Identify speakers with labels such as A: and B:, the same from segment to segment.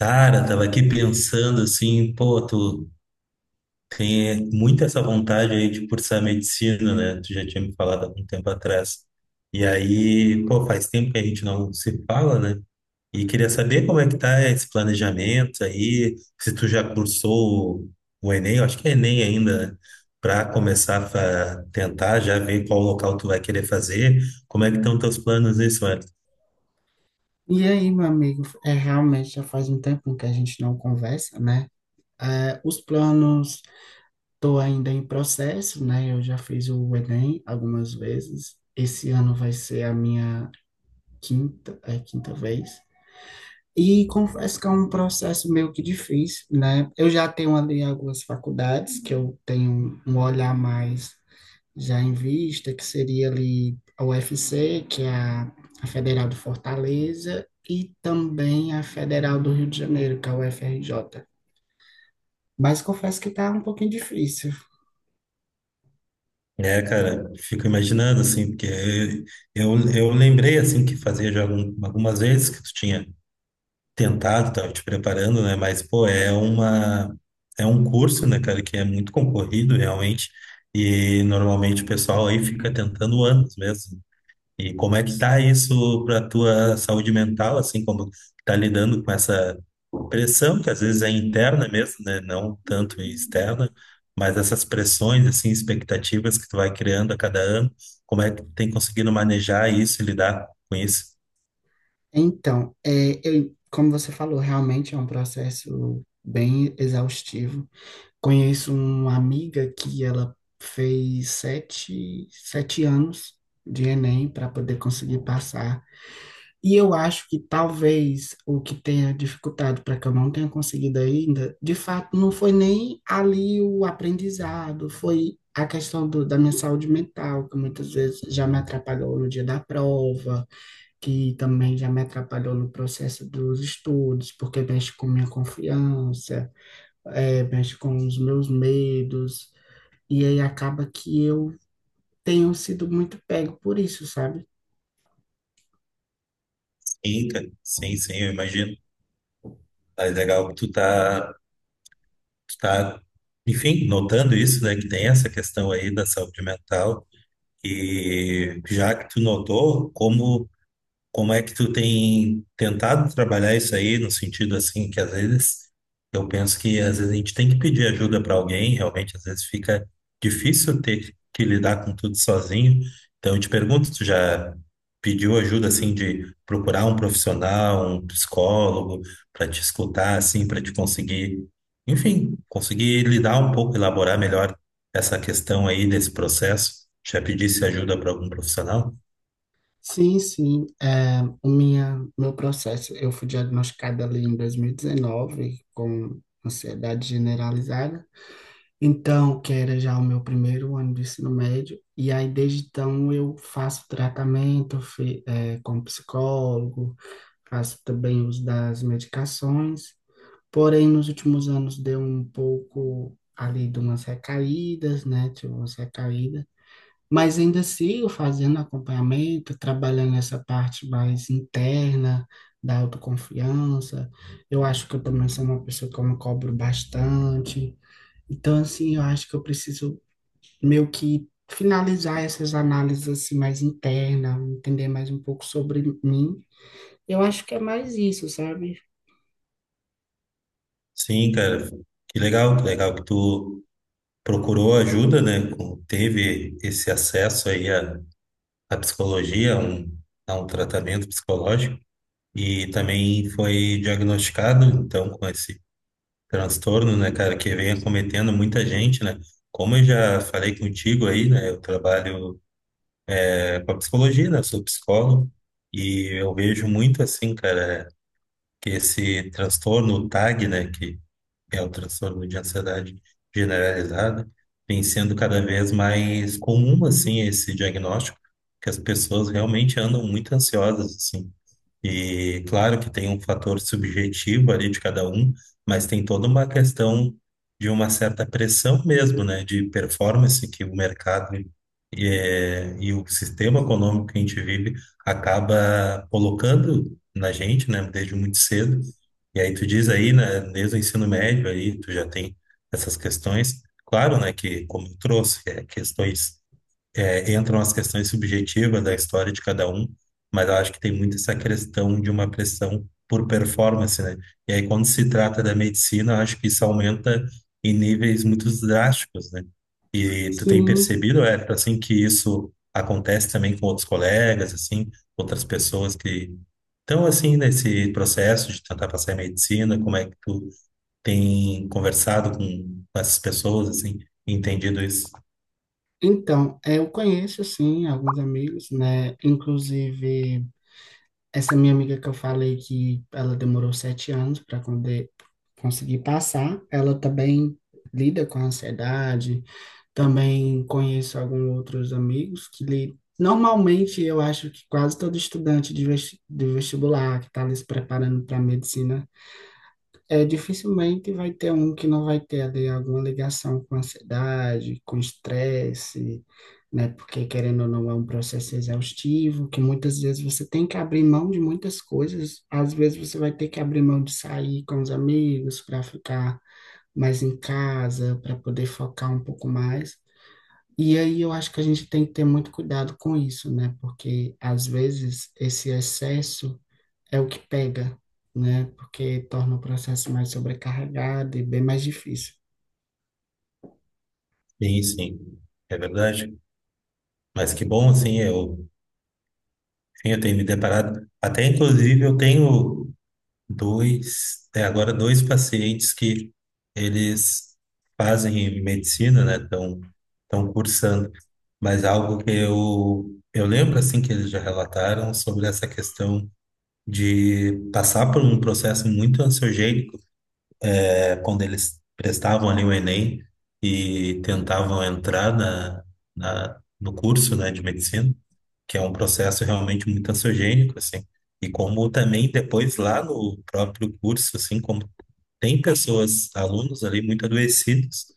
A: Cara, tava aqui pensando assim, pô, tu tem muito essa vontade aí de cursar medicina, né? Tu já tinha me falado há um tempo atrás. E aí, pô, faz tempo que a gente não se fala, né? E queria saber como é que tá esse planejamento aí, se tu já cursou o Enem, eu acho que é Enem ainda, para começar a tentar já ver qual local tu vai querer fazer. Como é que estão teus planos nisso?
B: E aí, meu amigo, é realmente já faz um tempo que a gente não conversa, né? Os planos, estou ainda em processo, né? Eu já fiz o Enem algumas vezes. Esse ano vai ser a minha quinta, quinta vez. E confesso que é um processo meio que difícil, né? Eu já tenho ali algumas faculdades que eu tenho um olhar mais já em vista, que seria ali a UFC, a Federal de Fortaleza, e também a Federal do Rio de Janeiro, que é a UFRJ. Mas confesso que está um pouquinho difícil.
A: É, cara, fico imaginando, assim, porque eu lembrei, assim, que fazia já algumas vezes que tu tinha tentado, tava te preparando, né? Mas, pô, é um curso, né, cara, que é muito concorrido, realmente, e normalmente o pessoal aí fica tentando anos mesmo. E como é que tá isso pra tua saúde mental, assim, como tá lidando com essa pressão que às vezes é interna mesmo, né? Não tanto externa, mas essas pressões, assim, expectativas que tu vai criando a cada ano, como é que tem conseguido manejar isso e lidar com isso?
B: Então, eu, como você falou, realmente é um processo bem exaustivo. Conheço uma amiga que ela fez sete, sete anos de Enem para poder conseguir passar. E eu acho que talvez o que tenha dificultado para que eu não tenha conseguido ainda, de fato, não foi nem ali o aprendizado, foi a questão da minha saúde mental, que muitas vezes já me atrapalhou no dia da prova, que também já me atrapalhou no processo dos estudos, porque mexe com minha confiança, mexe com os meus medos, e aí acaba que eu tenho sido muito pego por isso, sabe?
A: Sim, cara. Sim, sim, eu imagino. É legal que tu tá, enfim, notando isso, né? Que tem essa questão aí da saúde mental e já que tu notou, como é que tu tem tentado trabalhar isso aí, no sentido assim, que às vezes eu penso que às vezes a gente tem que pedir ajuda para alguém, realmente às vezes fica difícil ter que lidar com tudo sozinho. Então eu te pergunto, tu já pediu ajuda assim de procurar um profissional, um psicólogo para te escutar assim, para te conseguir, enfim, conseguir lidar um pouco, elaborar melhor essa questão aí desse processo? Já pedisse ajuda para algum profissional?
B: Sim, sim. Meu processo, eu fui diagnosticada ali em 2019 com ansiedade generalizada. Então, que era já o meu primeiro ano de ensino médio. E aí, desde então, eu faço tratamento com psicólogo, faço também uso das medicações. Porém, nos últimos anos deu um pouco ali de umas recaídas, né? Tive umas recaídas. Mas ainda sigo fazendo acompanhamento, trabalhando essa parte mais interna da autoconfiança. Eu acho que eu também sou uma pessoa que eu me cobro bastante. Então, assim, eu acho que eu preciso meio que finalizar essas análises assim mais internas, entender mais um pouco sobre mim. Eu acho que é mais isso, sabe?
A: Sim, cara, que legal que tu procurou ajuda, né? Teve esse acesso aí à psicologia, a um tratamento psicológico e também foi diagnosticado, então, com esse transtorno, né, cara, que vem acometendo muita gente, né? Como eu já falei contigo aí, né? Eu trabalho com a psicologia, né? Eu sou psicólogo e eu vejo muito assim, cara, que esse transtorno, o TAG, né? Que é o transtorno de ansiedade generalizada, vem sendo cada vez mais comum, assim, esse diagnóstico, que as pessoas realmente andam muito ansiosas, assim. E claro que tem um fator subjetivo ali de cada um, mas tem toda uma questão de uma certa pressão mesmo, né, de performance que o mercado o sistema econômico que a gente vive acaba colocando na gente, né, desde muito cedo. E aí tu diz aí, né, desde o ensino médio aí tu já tem essas questões. Claro, né, que como eu trouxe, entram as questões subjetivas da história de cada um, mas eu acho que tem muito essa questão de uma pressão por performance, né? E aí, quando se trata da medicina, eu acho que isso aumenta em níveis muito drásticos, né? E tu tem
B: Sim.
A: percebido, é, assim, que isso acontece também com outros colegas, assim, outras pessoas que estão, assim, nesse processo de tentar passar em medicina, como é que tu tem conversado com essas pessoas, assim, entendido isso?
B: Então, eu conheço, sim, alguns amigos, né? Inclusive, essa minha amiga que eu falei que ela demorou sete anos para conseguir passar, ela também lida com ansiedade. Também conheço alguns outros amigos que li... Normalmente, eu acho que quase todo estudante de vestibular que está ali se preparando para medicina, dificilmente vai ter um que não vai ter ali alguma ligação com ansiedade, com estresse, né? Porque, querendo ou não, é um processo exaustivo, que muitas vezes você tem que abrir mão de muitas coisas. Às vezes você vai ter que abrir mão de sair com os amigos para ficar mais em casa, para poder focar um pouco mais. E aí eu acho que a gente tem que ter muito cuidado com isso, né? Porque às vezes esse excesso é o que pega, né? Porque torna o processo mais sobrecarregado e bem mais difícil.
A: Sim, sim, é verdade. Mas que bom, assim, enfim, eu tenho me deparado. Até, inclusive, eu tenho dois, até agora, dois pacientes que eles fazem medicina, né? Estão cursando. Mas algo que eu lembro, assim, que eles já relataram sobre essa questão de passar por um processo muito ansiogênico quando eles prestavam ali o Enem e tentavam entrar no curso, né, de medicina, que é um processo realmente muito ansiogênico, assim. E como também depois lá no próprio curso, assim, como tem pessoas, alunos ali muito adoecidos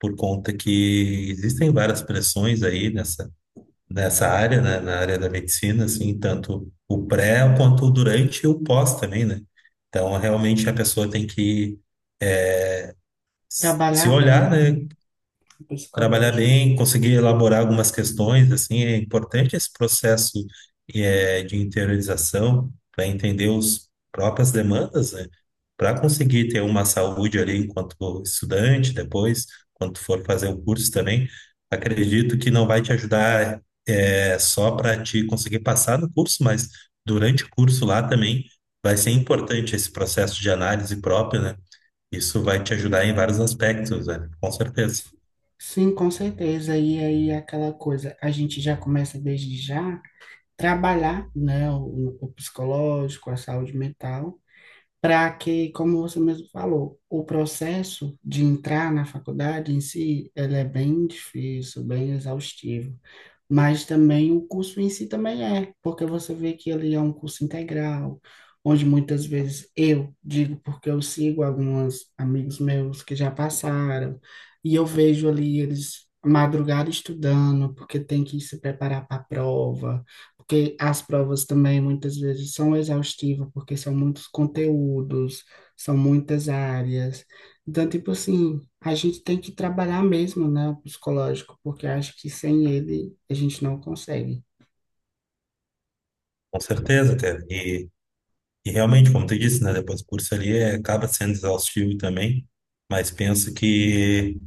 A: por conta que existem várias pressões aí nessa área, né, na área da medicina, assim, tanto o pré quanto o durante e o pós também, né? Então, realmente a pessoa tem que se
B: Trabalhar bem,
A: olhar, né,
B: né? O
A: trabalhar
B: psicológico.
A: bem, conseguir elaborar algumas questões, assim, é importante esse processo de interiorização para entender os próprias demandas, né, para conseguir ter uma saúde ali enquanto estudante, depois, quando for fazer o curso também, acredito que não vai te ajudar só para te conseguir passar no curso, mas durante o curso lá também vai ser importante esse processo de análise própria, né? Isso vai te ajudar em vários aspectos, velho. Com certeza.
B: Sim, com certeza. E aí, é aquela coisa, a gente já começa desde já trabalhar, né? O psicológico, a saúde mental, para que, como você mesmo falou, o processo de entrar na faculdade em si, ele é bem difícil, bem exaustivo, mas também o curso em si também é, porque você vê que ele é um curso integral, onde muitas vezes eu digo, porque eu sigo alguns amigos meus que já passaram, e eu vejo ali eles madrugar estudando, porque tem que se preparar para a prova, porque as provas também muitas vezes são exaustivas, porque são muitos conteúdos, são muitas áreas. Então, tipo assim, a gente tem que trabalhar mesmo, né, o psicológico, porque eu acho que sem ele a gente não consegue.
A: Com certeza, cara. E realmente, como tu disse, né? Depois o curso ali é, acaba sendo exaustivo também, mas penso que.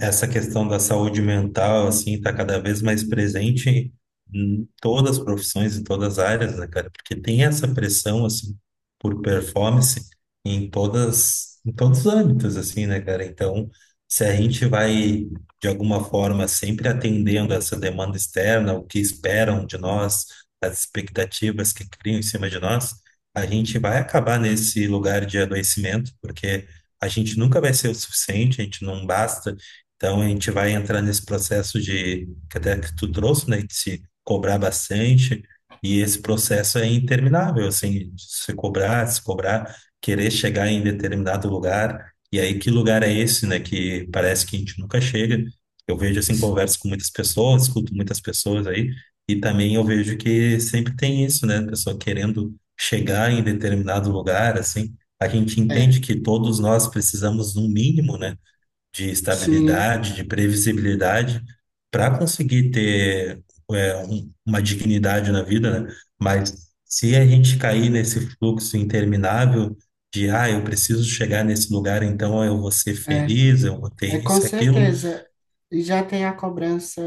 A: Essa questão da saúde mental, assim, está cada vez mais presente em todas as profissões, em todas as áreas, né, cara? Porque tem essa pressão, assim, por performance em todos os âmbitos, assim, né, cara? Então, se a gente vai, de alguma forma, sempre atendendo essa demanda externa, o que esperam de nós, as expectativas que criam em cima de nós, a gente vai acabar nesse lugar de adoecimento, porque a gente nunca vai ser o suficiente, a gente não basta então, a gente vai entrar nesse processo de, que até que tu trouxe, né, de se cobrar bastante, e esse processo é interminável, assim, de se cobrar, se cobrar, querer chegar em determinado lugar, e aí que lugar é esse, né, que parece que a gente nunca chega. Eu vejo, assim, converso com muitas pessoas, escuto muitas pessoas aí, e também eu vejo que sempre tem isso, né, a pessoa querendo chegar em determinado lugar, assim, a gente entende
B: É,
A: que todos nós precisamos, no mínimo, né, de
B: sim,
A: estabilidade, de previsibilidade, para conseguir ter uma dignidade na vida, né? Mas se a gente cair nesse fluxo interminável de, ah, eu preciso chegar nesse lugar, então eu vou ser
B: é,
A: feliz, eu vou ter
B: é, com
A: isso e aquilo,
B: certeza. E já tem a cobrança,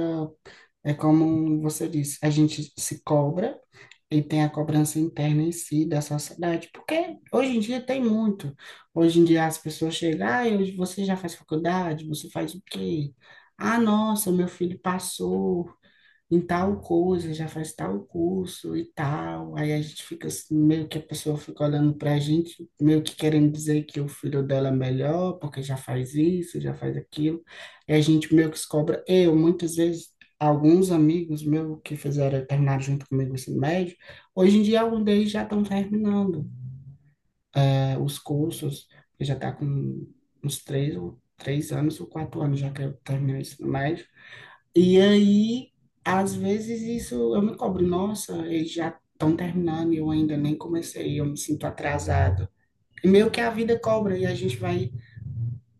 B: é como você disse, a gente se cobra e tem a cobrança interna em si da sociedade, porque hoje em dia tem muito. Hoje em dia as pessoas chegam, ah, hoje você já faz faculdade, você faz o quê? Ah, nossa, meu filho passou em tal coisa, já faz tal curso e tal. Aí a gente fica assim, meio que a pessoa fica olhando pra gente, meio que querendo dizer que o filho dela é melhor, porque já faz isso, já faz aquilo. E a gente meio que se cobra. Eu, muitas vezes, alguns amigos meus que fizeram, terminaram junto comigo o ensino médio, hoje em dia alguns deles já estão terminando, os cursos, que já tá com uns três ou três anos ou quatro anos já que eu terminei o ensino médio. E aí, às vezes isso eu me cobro, nossa, eles já estão terminando e eu ainda nem comecei, eu me sinto atrasado. E meio que a vida cobra e a gente vai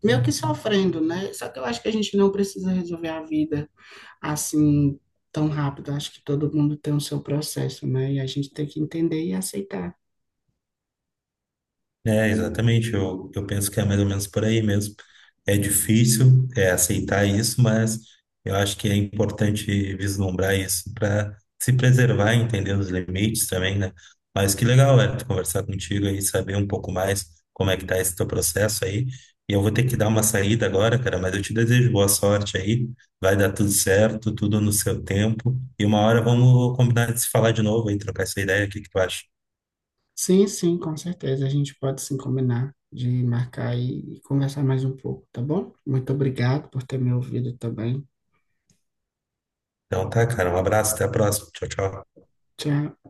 B: meio que sofrendo, né? Só que eu acho que a gente não precisa resolver a vida assim tão rápido. Acho que todo mundo tem o seu processo, né? E a gente tem que entender e aceitar.
A: é, exatamente. Eu penso que é mais ou menos por aí mesmo. É difícil é, aceitar isso, mas eu acho que é importante vislumbrar isso para se preservar, entender os limites também, né? Mas que legal, Hélio, conversar contigo aí, saber um pouco mais como é que tá esse teu processo aí. E eu vou ter que dar uma saída agora, cara, mas eu te desejo boa sorte aí. Vai dar tudo certo, tudo no seu tempo. E uma hora vamos combinar de se falar de novo e trocar essa ideia. O que que tu acha?
B: Sim, sim, com certeza. A gente pode sim combinar de marcar e conversar mais um pouco, tá bom? Muito obrigado por ter me ouvido também.
A: Então tá, cara, um abraço, até a próxima. Tchau, tchau.
B: Tchau.